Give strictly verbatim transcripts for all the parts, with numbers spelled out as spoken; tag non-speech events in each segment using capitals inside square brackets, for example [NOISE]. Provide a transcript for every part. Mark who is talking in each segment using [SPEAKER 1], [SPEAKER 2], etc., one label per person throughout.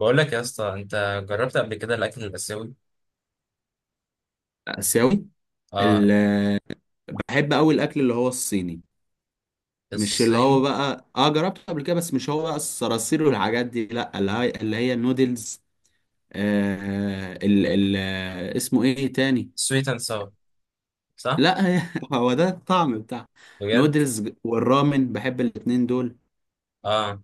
[SPEAKER 1] بقول لك يا اسطى، انت جربت قبل كده الاكل الاسيوي؟
[SPEAKER 2] آسيوي.
[SPEAKER 1] اه،
[SPEAKER 2] ال- بحب أوي الأكل اللي هو الصيني. مش اللي هو
[SPEAKER 1] الصيني،
[SPEAKER 2] بقى اه جربته قبل كده، بس مش هو بقى الصراصير والحاجات دي، لا، اللي هي اللي هي النودلز. آه ال ال آه، اسمه ايه تاني؟
[SPEAKER 1] سويت اند ساور، صح؟
[SPEAKER 2] لا، هي- [LAUGHS] هو ده الطعم بتاع.
[SPEAKER 1] بجد؟
[SPEAKER 2] نودلز والرامن، بحب الاتنين دول.
[SPEAKER 1] اه،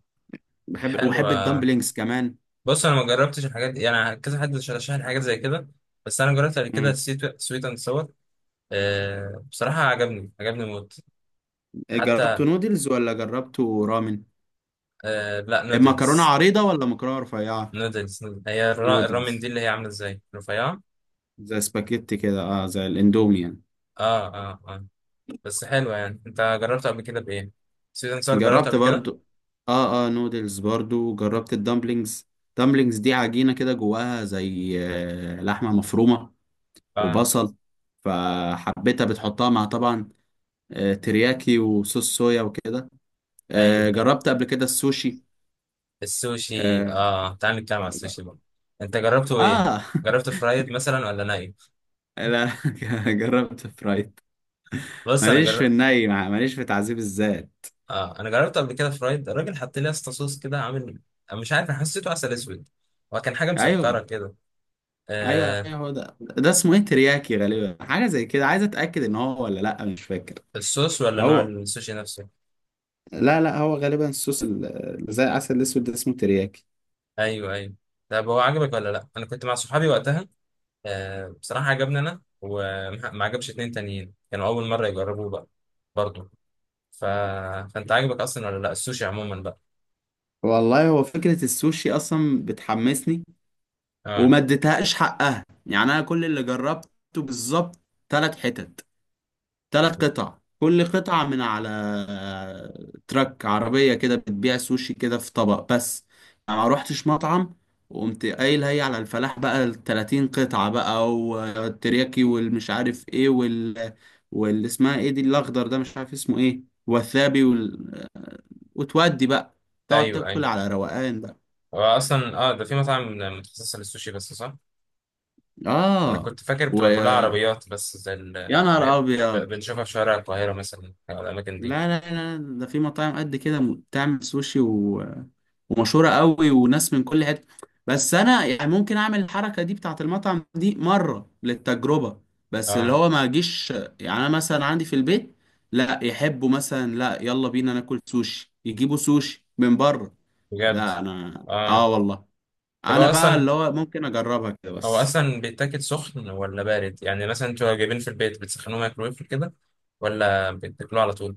[SPEAKER 2] بحب وبحب
[SPEAKER 1] حلوة.
[SPEAKER 2] الدمبلينجز كمان.
[SPEAKER 1] بص، انا ما جربتش الحاجات دي يعني، كذا حد رشح لي حاجات زي كده. بس انا جربت قبل كده
[SPEAKER 2] مم.
[SPEAKER 1] سويت اند ساور. آه، بصراحة عجبني، عجبني موت.
[SPEAKER 2] جربتوا
[SPEAKER 1] حتى
[SPEAKER 2] نودلز ولا جربتوا رامن؟
[SPEAKER 1] آه، لا،
[SPEAKER 2] مكرونة
[SPEAKER 1] نودلز
[SPEAKER 2] عريضة ولا مكرونة رفيعة؟
[SPEAKER 1] نودلز نودلز. هي الرا- الرامن
[SPEAKER 2] نودلز.
[SPEAKER 1] دي اللي هي عاملة ازاي؟ رفيعة؟
[SPEAKER 2] زي سباكيتي كده، اه زي الاندومي يعني.
[SPEAKER 1] اه، اه، اه. بس حلوة، يعني انت جربت قبل كده بايه؟ سويت اند ساور جربت
[SPEAKER 2] جربت
[SPEAKER 1] قبل كده؟
[SPEAKER 2] برضو. اه، اه، نودلز برضو. جربت الدمبلينجز. دمبلينجز دي عجينة كده جواها زي آه، لحمة مفرومة.
[SPEAKER 1] اه،
[SPEAKER 2] وبصل. فحبيتها، بتحطها مع طبعا. آه، ترياكي وصوص صويا وكده.
[SPEAKER 1] ايوه
[SPEAKER 2] آه،
[SPEAKER 1] ايوه.
[SPEAKER 2] جربت قبل كده السوشي.
[SPEAKER 1] السوشي،
[SPEAKER 2] اه.
[SPEAKER 1] اه، تعال نتكلم على السوشي بقى. انت جربته ايه؟
[SPEAKER 2] آه.
[SPEAKER 1] جربت فرايد مثلا ولا ناي؟
[SPEAKER 2] [LAUGHS] لا، [LAUGHS] جربت فرايد.
[SPEAKER 1] بص، انا
[SPEAKER 2] ماليش في
[SPEAKER 1] جربت.
[SPEAKER 2] الني مع- ماليش في تعذيب الذات.
[SPEAKER 1] آه، انا جربت قبل كده فرايد. الراجل حط لي اسطى صوص كده عامل، أنا مش عارف، انا حسيته عسل اسود، وكان حاجه مسكره
[SPEAKER 2] ايوه.
[SPEAKER 1] كده.
[SPEAKER 2] ايوه،
[SPEAKER 1] آه،
[SPEAKER 2] ايوه، هو ده ده اسمه ايه؟ ترياكي غالبا، حاجه زي كده، عايز اتاكد ان هو ولا لا، مش فاكر.
[SPEAKER 1] الصوص ولا نوع
[SPEAKER 2] هو.
[SPEAKER 1] السوشي نفسه؟
[SPEAKER 2] لا، لا، هو غالبا الصوص، ال- اللي زي العسل الاسود ده اسمه ترياكي.
[SPEAKER 1] ايوه ايوه. طب هو عجبك ولا لا؟ انا كنت مع صحابي وقتها. آه، بصراحه عجبني انا، وما عجبش اتنين تانيين كانوا اول مره يجربوه بقى، برضه. ف... فانت عجبك اصلا ولا لا السوشي عموما بقى؟
[SPEAKER 2] والله هو فكرة السوشي أصلا بتحمسني.
[SPEAKER 1] اه،
[SPEAKER 2] وما اديتهاش حقها يعني، أنا كل اللي جربته. بالظبط. تلات حتت. تلات قطع، كل قطعة من على آه، تراك عربية كده بتبيع سوشي كده في طبق بس. أنا ما روحتش مطعم. وقمت قايل هي على الفلاح بقى، ال ثلاثين قطعة بقى والترياكي والمش عارف ايه وال. واللي اسمها ايه دي الأخضر ده مش عارف اسمه ايه. والثابي. وتودي بقى. تقعد
[SPEAKER 1] ايوه
[SPEAKER 2] تاكل
[SPEAKER 1] ايوه.
[SPEAKER 2] على روقان بقى.
[SPEAKER 1] هو اصلا، اه ده في مطاعم متخصصه للسوشي بس، صح؟ انا
[SPEAKER 2] اه
[SPEAKER 1] كنت فاكر
[SPEAKER 2] و...
[SPEAKER 1] بتبقى كلها عربيات بس زي ال-
[SPEAKER 2] يا نهار
[SPEAKER 1] اللي هي ب- ب-
[SPEAKER 2] ابيض.
[SPEAKER 1] بنشوفها في شوارع القاهره مثلا او الاماكن دي.
[SPEAKER 2] لا، لا، لا، ده في مطاعم قد كده، م- بتعمل سوشي و... ومشهوره قوي وناس من كل حته. بس انا يعني ممكن اعمل الحركه دي بتاعت المطعم دي مره للتجربه. بس اللي
[SPEAKER 1] اه،
[SPEAKER 2] هو ما اجيش، يعني انا مثلا عندي في البيت. لا يحبوا مثلا، لا يلا بينا ناكل سوشي يجيبوا سوشي من بره.
[SPEAKER 1] بجد؟
[SPEAKER 2] لا، انا
[SPEAKER 1] اه.
[SPEAKER 2] اه والله.
[SPEAKER 1] طب
[SPEAKER 2] انا
[SPEAKER 1] هو
[SPEAKER 2] بقى،
[SPEAKER 1] اصلا،
[SPEAKER 2] اللي هو ممكن اجربها كده
[SPEAKER 1] هو
[SPEAKER 2] بس.
[SPEAKER 1] اصلا بيتاكل سخن ولا بارد؟ يعني مثلا انتوا جايبين في البيت بتسخنوه مايكرويف كده، ولا بتاكلوه على طول؟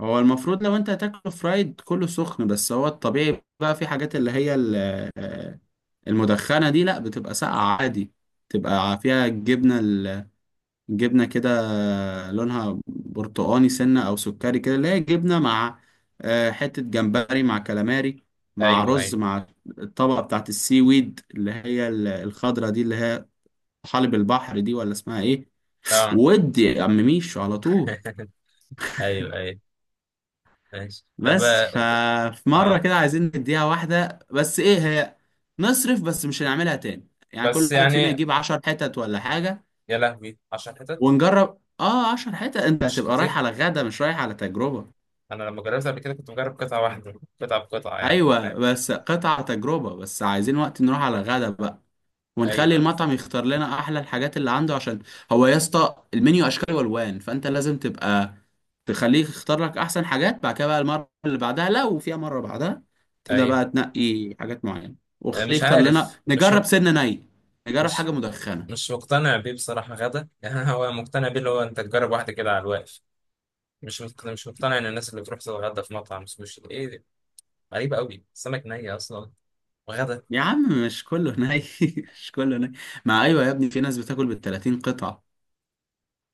[SPEAKER 2] هو المفروض لو انت هتاكله فرايد كله سخن، بس هو الطبيعي بقى في حاجات اللي هي ال- آه، المدخنة دي لا بتبقى ساقعة عادي. بتبقى فيها الجبنة ال- الجبنة كده. لونها برتقاني سنة أو سكري كده اللي هي جبنة مع آه، حتة جمبري مع كالاماري. مع
[SPEAKER 1] ايوه
[SPEAKER 2] رز،
[SPEAKER 1] ايوه،
[SPEAKER 2] مع الطبقة بتاعت السي ويد اللي هي ال- الخضرة دي اللي هي حلب البحر دي ولا اسمها ايه؟
[SPEAKER 1] اه
[SPEAKER 2] ودي يا عم ميشو على طول.
[SPEAKER 1] [LAUGHS] ايوه ايوه، ماشي. طب
[SPEAKER 2] بس
[SPEAKER 1] اه،
[SPEAKER 2] ففي مرة
[SPEAKER 1] آه.
[SPEAKER 2] كده عايزين نديها واحدة، بس ايه هي؟ نصرف بس مش هنعملها تاني، يعني
[SPEAKER 1] بس
[SPEAKER 2] كل واحد فينا
[SPEAKER 1] يعني،
[SPEAKER 2] يجيب عشر حتت ولا حاجة.
[SPEAKER 1] يا لهوي 10 حتت؟
[SPEAKER 2] ونجرب، اه عشر حتت انت
[SPEAKER 1] مش
[SPEAKER 2] هتبقى رايح
[SPEAKER 1] كتير.
[SPEAKER 2] على غدا مش رايح على تجربة.
[SPEAKER 1] انا لما جربت قبل كده كنت مجرب قطعه واحده، قطعه بقطعه، يعني
[SPEAKER 2] ايوه
[SPEAKER 1] فاهم.
[SPEAKER 2] بس قطع تجربة، بس عايزين وقت نروح على غدا بقى. ونخلي
[SPEAKER 1] ايوه
[SPEAKER 2] المطعم يختار لنا احلى الحاجات اللي عنده، عشان هو يا اسطى المنيو اشكال والوان، فانت لازم تبقى تخليه يختار لك احسن حاجات. بعد كده بقى المره اللي بعدها لو فيها مره بعدها تبدا
[SPEAKER 1] ايوه.
[SPEAKER 2] بقى تنقي حاجات معينه.
[SPEAKER 1] آه،
[SPEAKER 2] وخليه
[SPEAKER 1] مش
[SPEAKER 2] يختار لنا
[SPEAKER 1] عارف، مش
[SPEAKER 2] نجرب
[SPEAKER 1] مق-
[SPEAKER 2] سنه ني. نجرب
[SPEAKER 1] مش
[SPEAKER 2] حاجه مدخنه.
[SPEAKER 1] مش مقتنع بيه بصراحه غدا يعني [LAUGHS] هو مقتنع بيه اللي هو انت تجرب واحده كده على الواقف. مش مقتنع، مش مقتنع ان الناس اللي بتروح تتغدى في مطعم سوشي دي- ايه دي؟ غريبه قوي، سمك ني اصلا وغدا.
[SPEAKER 2] يا عم مش كله ني [LAUGHS] مش كله ني. ما ايوه يا ابني، في ناس بتاكل بال تلاتين قطعه.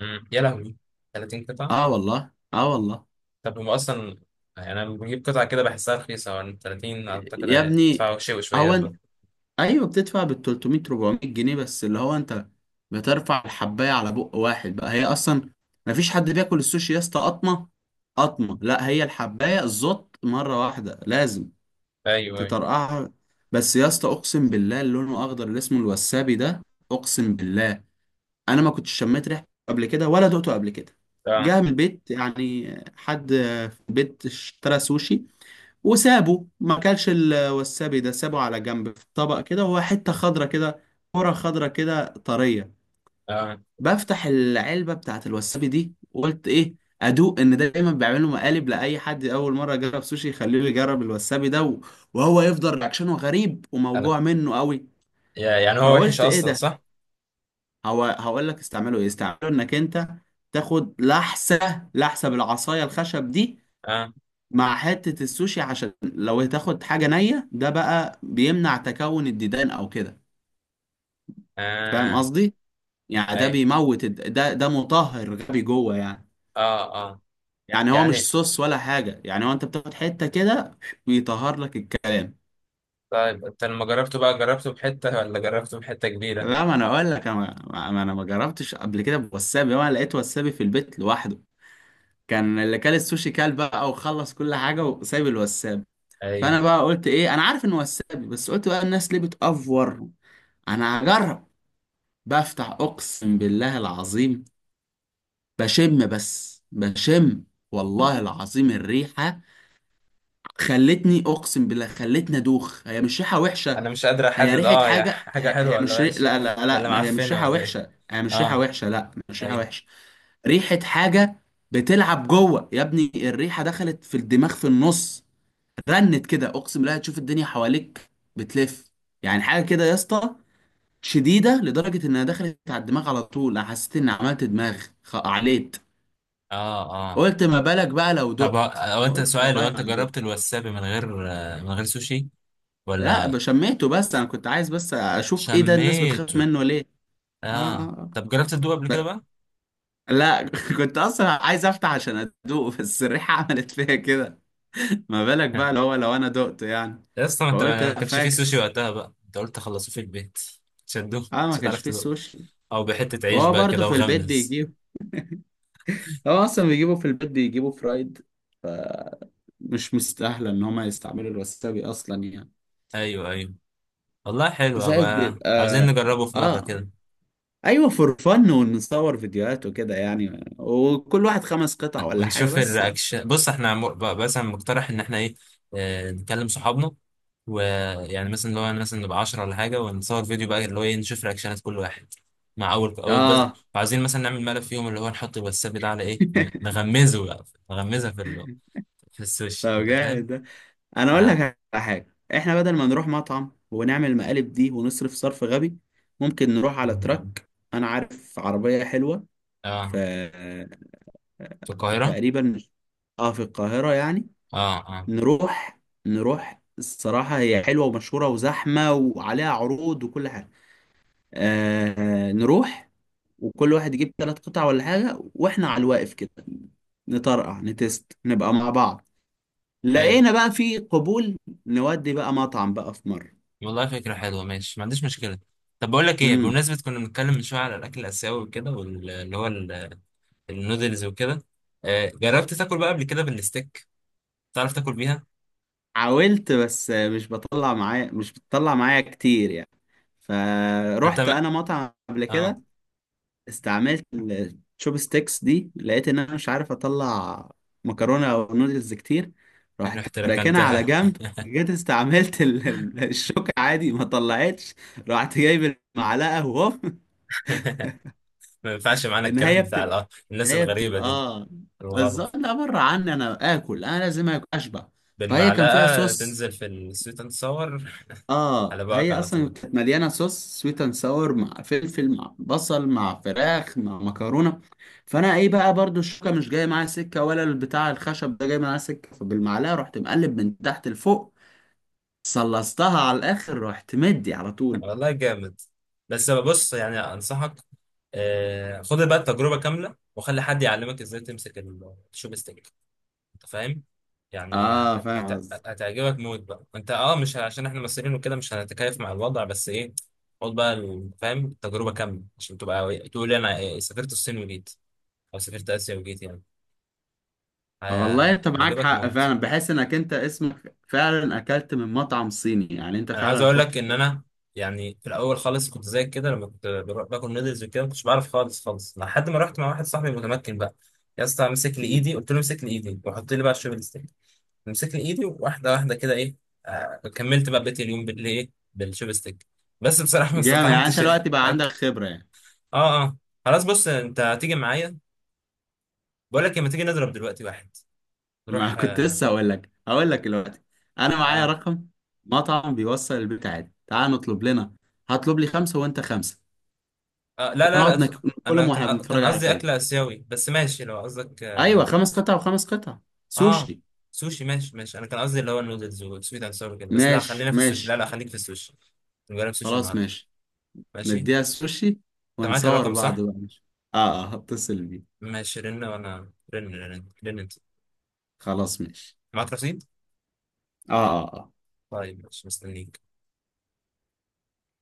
[SPEAKER 1] مم. يا لهوي، 30 قطعه.
[SPEAKER 2] اه والله، اه والله.
[SPEAKER 1] طب هم اصلا، يعني انا بجيب قطعه كده بحسها رخيصه، يعني ثلاثين اعتقد
[SPEAKER 2] يا ابني.
[SPEAKER 1] هيدفعوا شوي شويه
[SPEAKER 2] هو.
[SPEAKER 1] دول.
[SPEAKER 2] ايوه، بتدفع بال تلت ميه، اربعمية جنيه، بس اللي هو انت بترفع الحبايه على بق واحد بقى. هي اصلا ما فيش حد بياكل السوشي يا اسطى قطمه قطمه، لا، هي الحبايه الزط مره واحده لازم
[SPEAKER 1] ايوه ايوه،
[SPEAKER 2] تطرقعها. بس يا اسطى اقسم بالله، اللي لونه اخضر اللي اسمه الوسابي ده، اقسم بالله، انا ما كنتش شميت ريحته قبل كده ولا دقته قبل كده.
[SPEAKER 1] اه
[SPEAKER 2] جه من البيت يعني، حد في البيت اشترى سوشي وسابه، ما كانش الوسابي ده سابه على جنب في طبق كده، وهو حتة خضرة كده، كرة خضرة كده طرية.
[SPEAKER 1] اه.
[SPEAKER 2] بفتح العلبة بتاعت الوسابي دي وقلت ايه، ادوق ان ده دايما بيعملوا مقالب لاي حد اول مره يجرب سوشي، يخليه يجرب الوسابي ده و- وهو يفضل رياكشنه غريب
[SPEAKER 1] انا
[SPEAKER 2] وموجوع منه قوي.
[SPEAKER 1] يا- يعني هو وحش
[SPEAKER 2] فقلت ايه
[SPEAKER 1] اصلا
[SPEAKER 2] ده؟
[SPEAKER 1] صح؟
[SPEAKER 2] هو هقول لك استعمله ايه، استعمله انك انت تاخد لحسه لحسه بالعصايه الخشب دي
[SPEAKER 1] اه
[SPEAKER 2] مع حتة السوشي، عشان لو هتاخد حاجة نية ده بقى بيمنع تكون الديدان او كده. فاهم
[SPEAKER 1] اه،
[SPEAKER 2] قصدي؟ يعني ده
[SPEAKER 1] اي،
[SPEAKER 2] بيموت الد- ده ده مطهر غبي جوه يعني.
[SPEAKER 1] اه اه،
[SPEAKER 2] يعني هو مش
[SPEAKER 1] يعني.
[SPEAKER 2] صوص ولا حاجة، يعني هو انت بتاخد حتة كده بيطهر لك الكلام.
[SPEAKER 1] طيب انت لما جربته بقى، جربته بحتة ولا جربته بحتة كبيرة؟
[SPEAKER 2] لا، ما انا اقول لك انا ما ما- انا ما جربتش قبل كده بوسابي، وانا لقيت وسابي في البيت لوحده. كان اللي كل السوشي كال بقى وخلص كل حاجة وسايب الوسابي.
[SPEAKER 1] ايوه.
[SPEAKER 2] فانا بقى قلت ايه، انا عارف انه وسابي، بس قلت بقى الناس ليه بتأفور، انا هجرب. بفتح، اقسم بالله العظيم، بشم بس بشم. والله العظيم الريحة خلتني، اقسم بالله خلتني ادوخ. هي مش ريحة وحشة.
[SPEAKER 1] انا مش قادر
[SPEAKER 2] هي
[SPEAKER 1] احدد
[SPEAKER 2] ريحة
[SPEAKER 1] اه يا [LAUGHS]
[SPEAKER 2] حاجة.
[SPEAKER 1] حاجة
[SPEAKER 2] هي, هي
[SPEAKER 1] حلوة ولا
[SPEAKER 2] مش ري...
[SPEAKER 1] وحشة؟
[SPEAKER 2] لا، لا،
[SPEAKER 1] ولا
[SPEAKER 2] لا، هي مش
[SPEAKER 1] معفنة
[SPEAKER 2] ريحة
[SPEAKER 1] ولا ايه؟
[SPEAKER 2] وحشة، هي مش ريحة
[SPEAKER 1] اه،
[SPEAKER 2] وحشة، لا مش ريحة
[SPEAKER 1] ايوه،
[SPEAKER 2] وحشة. ريحة حاجة بتلعب جوه يا ابني. الريحة دخلت في الدماغ في النص. رنت كده، اقسم بالله تشوف الدنيا حواليك بتلف. يعني حاجة كده يا اسطى، شديده لدرجه انها دخلت على الدماغ على طول. أنا حسيت اني عملت دماغ خ- عليت.
[SPEAKER 1] اه اه.
[SPEAKER 2] قلت ما بالك بقى لو
[SPEAKER 1] طب هو،
[SPEAKER 2] دقت؟
[SPEAKER 1] هو انت
[SPEAKER 2] قلت
[SPEAKER 1] سؤال، هو
[SPEAKER 2] والله
[SPEAKER 1] انت
[SPEAKER 2] ما دقت.
[SPEAKER 1] جربت الوسابي من غير آه، من غير سوشي؟
[SPEAKER 2] لا،
[SPEAKER 1] ولا
[SPEAKER 2] ب- شميته بس، انا كنت عايز بس اشوف ايه ده الناس بتخاف
[SPEAKER 1] شميته؟
[SPEAKER 2] منه ليه. اه، اه،
[SPEAKER 1] اه،
[SPEAKER 2] آه.
[SPEAKER 1] طب جربت تدوق قبل كده
[SPEAKER 2] ب-
[SPEAKER 1] بقى؟
[SPEAKER 2] لا، [LAUGHS] كنت اصلا عايز افتح عشان ادوق، بس الريحه [LAUGHS] عملت فيا كده. ما بالك بقى لو
[SPEAKER 1] [LAUGHS]
[SPEAKER 2] هو لو انا دقت يعني.
[SPEAKER 1] يا اسطى، ما انت
[SPEAKER 2] فقلت
[SPEAKER 1] ما ما
[SPEAKER 2] لا،
[SPEAKER 1] كانش فيه سوشي
[SPEAKER 2] فاكس.
[SPEAKER 1] وقتها بقى، انت قلت خلصوه في البيت. مش هتدوق،
[SPEAKER 2] اه، ما
[SPEAKER 1] مش
[SPEAKER 2] كانش
[SPEAKER 1] هتعرف
[SPEAKER 2] فيه
[SPEAKER 1] تدوق،
[SPEAKER 2] سوشي.
[SPEAKER 1] او بحتة عيش
[SPEAKER 2] وهو
[SPEAKER 1] بقى
[SPEAKER 2] برضه
[SPEAKER 1] كده
[SPEAKER 2] في البيت
[SPEAKER 1] وغمس؟
[SPEAKER 2] بيجيب، هو اصلا بيجيبوا في البيت بيجيبوا فرايد. مش مستاهله ان هما يستعملوا الوسابي اصلا يعني.
[SPEAKER 1] ايوه ايوه. والله حلو،
[SPEAKER 2] زائد
[SPEAKER 1] ابقى
[SPEAKER 2] بيبقى.
[SPEAKER 1] عاوزين نجربه في مره
[SPEAKER 2] اه.
[SPEAKER 1] كده
[SPEAKER 2] ايوه، فور فن ونصور فيديوهات وكده يعني، وكل واحد خمس قطع ولا حاجه
[SPEAKER 1] ونشوف
[SPEAKER 2] بس يعني.
[SPEAKER 1] الرياكشن. بص احنا م- بقى- مثلا مقترح ان احنا ايه، آه، نكلم صحابنا، ويعني مثلا اللي هو، مثلا نبقى عشر ولا حاجه، ونصور فيديو بقى اللي هو ايه، نشوف رياكشنات كل واحد مع اول اول بس.
[SPEAKER 2] اه.
[SPEAKER 1] عاوزين مثلا نعمل ملف فيهم اللي هو نحط الواتساب ده على ايه، ن-
[SPEAKER 2] [LAUGHS]
[SPEAKER 1] نغمزه بقى، نغمزها في ال... في السوشيال،
[SPEAKER 2] طب
[SPEAKER 1] انت فاهم.
[SPEAKER 2] جامد ده. انا اقول
[SPEAKER 1] اه
[SPEAKER 2] لك على حاجه، احنا بدل ما نروح مطعم ونعمل المقالب دي ونصرف صرف غبي، ممكن نروح على تراك. انا عارف عربيه حلوه
[SPEAKER 1] اه،
[SPEAKER 2] في
[SPEAKER 1] في القاهره؟
[SPEAKER 2] تقريبا، اه، في القاهره يعني.
[SPEAKER 1] اه اه.
[SPEAKER 2] نروح. نروح، الصراحة هي حلوة ومشهورة وزحمة وعليها عروض وكل حاجة. آه نروح وكل واحد يجيب ثلاث قطع ولا حاجة، واحنا على الواقف كده نطرقع نتست نبقى مع بعض.
[SPEAKER 1] أيوة.
[SPEAKER 2] لقينا بقى في قبول، نودي بقى مطعم بقى في مرة.
[SPEAKER 1] والله فكرة حلوة، ماشي، ما عنديش مشكلة. طب بقول لك ايه،
[SPEAKER 2] امم.
[SPEAKER 1] بمناسبة كنا بنتكلم من شوية على الأكل الآسيوي وكده، واللي هو ال- النودلز وكده، آه، جربت تاكل بقى قبل كده بالستيك؟ تعرف تاكل بيها؟
[SPEAKER 2] حاولت بس مش بطلع معايا، مش بتطلع معايا كتير يعني.
[SPEAKER 1] انت
[SPEAKER 2] فروحت
[SPEAKER 1] ما.
[SPEAKER 2] انا مطعم قبل
[SPEAKER 1] اه،
[SPEAKER 2] كده، استعملت الشوب ستيكس دي، لقيت ان انا مش عارف اطلع مكرونه او نودلز كتير. رحت
[SPEAKER 1] رحت
[SPEAKER 2] راكنها على
[SPEAKER 1] ركنتها
[SPEAKER 2] جنب. جيت استعملت ال- ال- الشوكة عادي، ما طلعتش. رحت جايب المعلقة وهوب.
[SPEAKER 1] [LAUGHS] ما ينفعش معانا
[SPEAKER 2] النهاية
[SPEAKER 1] الكلام بتاع
[SPEAKER 2] بتبقى
[SPEAKER 1] الأ- الناس
[SPEAKER 2] النهاية
[SPEAKER 1] الغريبة
[SPEAKER 2] بتبقى
[SPEAKER 1] دي،
[SPEAKER 2] اه،
[SPEAKER 1] الغرب.
[SPEAKER 2] بالظبط، لا بره عني، انا اكل انا لازم اكل اشبع. فهي كان فيها
[SPEAKER 1] بالمعلقة
[SPEAKER 2] صوص.
[SPEAKER 1] تنزل في الزيت تصور.
[SPEAKER 2] اه،
[SPEAKER 1] على بقك
[SPEAKER 2] هي
[SPEAKER 1] على
[SPEAKER 2] اصلا
[SPEAKER 1] طول.
[SPEAKER 2] كانت مليانه صوص سويت اند ساور مع فلفل مع بصل مع فراخ مع مكرونه. فانا ايه بقى، برضو الشوكه مش جايه معايا سكه ولا البتاع الخشب ده جاي معايا سكه، فبالمعلقه رحت مقلب من تحت لفوق. صلصتها على الاخر، رحت مدي على طول بقى.
[SPEAKER 1] والله جامد. بس بص يعني، أنصحك آه، خد بقى التجربة كاملة، وخلي حد يعلمك ازاي تمسك الشوب ستيك. أنت فاهم يعني.
[SPEAKER 2] اه، فاهم
[SPEAKER 1] هت-
[SPEAKER 2] قصدي.
[SPEAKER 1] هتعجبك موت بقى. انت اه، مش ه- عشان احنا مصريين وكده مش هنتكيف مع الوضع، بس ايه، خد بقى ال- فاهم التجربة كاملة، عشان تبقى تقول انا إيه، سافرت الصين وجيت، او سافرت اسيا وجيت يعني.
[SPEAKER 2] والله
[SPEAKER 1] ه-
[SPEAKER 2] انت معاك
[SPEAKER 1] هيعجبك
[SPEAKER 2] حق
[SPEAKER 1] موت.
[SPEAKER 2] فعلا، بحس انك انت اسمك فعلا اكلت من مطعم صيني يعني، انت
[SPEAKER 1] انا عايز
[SPEAKER 2] فعلا
[SPEAKER 1] اقول لك
[SPEAKER 2] خدت
[SPEAKER 1] ان انا يعني في الاول خالص كنت زيك كده، لما كنت بر- باكل نودلز وكده، ما كنتش بعرف خالص خالص لحد ما رحت مع واحد صاحبي متمكن بقى. يا اسطى، مسك لي
[SPEAKER 2] التجربة.
[SPEAKER 1] ايدي، قلت له امسك لي ايدي وحط لي بقى الشوبينج. مسكني ايدي واحده واحده كده ايه، آه كملت بقى، بقيت اليوم بالايه، بالشوبستيك. بس بصراحه ما
[SPEAKER 2] جامد يعني، انت
[SPEAKER 1] استطعمتش
[SPEAKER 2] دلوقتي
[SPEAKER 1] [LAUGHS]
[SPEAKER 2] بقى عندك
[SPEAKER 1] الأكل.
[SPEAKER 2] خبره يعني.
[SPEAKER 1] اه اه. خلاص، بص انت هتيجي معايا. بقول لك، لما تيجي نضرب دلوقتي واحد،
[SPEAKER 2] ما [LAUGHS]
[SPEAKER 1] نروح
[SPEAKER 2] كنت
[SPEAKER 1] آه,
[SPEAKER 2] لسه هقول لك، هقول لك دلوقتي. انا معايا
[SPEAKER 1] آه,
[SPEAKER 2] رقم مطعم بيوصل البيت عادي، تعال نطلب لنا. هطلب لي خمسه وانت خمسه،
[SPEAKER 1] اه لا لا لا،
[SPEAKER 2] ونقعد
[SPEAKER 1] اطلع.
[SPEAKER 2] نك-
[SPEAKER 1] انا
[SPEAKER 2] ناكلهم
[SPEAKER 1] كان
[SPEAKER 2] واحنا بنتفرج
[SPEAKER 1] كان
[SPEAKER 2] على
[SPEAKER 1] قصدي اكل
[SPEAKER 2] فيلم.
[SPEAKER 1] اسيوي، بس ماشي لو قصدك، اه،
[SPEAKER 2] ايوه، خمس قطع وخمس قطع.
[SPEAKER 1] آه،
[SPEAKER 2] سوشي.
[SPEAKER 1] سوشي، ماشي ماشي. انا كان قصدي اللي هو النودلز والسويت اند ساور كده، بس لا،
[SPEAKER 2] ماشي،
[SPEAKER 1] خلينا في السوشي، لا
[SPEAKER 2] ماشي.
[SPEAKER 1] لا خليك في السوشي. نجرب سوشي
[SPEAKER 2] خلاص
[SPEAKER 1] النهارده،
[SPEAKER 2] ماشي.
[SPEAKER 1] ماشي. انت
[SPEAKER 2] نديها السوشي
[SPEAKER 1] معاك
[SPEAKER 2] ونصور
[SPEAKER 1] الرقم
[SPEAKER 2] بعض
[SPEAKER 1] صح؟
[SPEAKER 2] بقى، ماشي. اه. اه، هتصل بيه.
[SPEAKER 1] ماشي، رن، وانا رن رن رن. انت
[SPEAKER 2] خلاص ماشي.
[SPEAKER 1] معاك رصيد؟
[SPEAKER 2] اه، اه، آه.
[SPEAKER 1] طيب ماشي، مستنيك.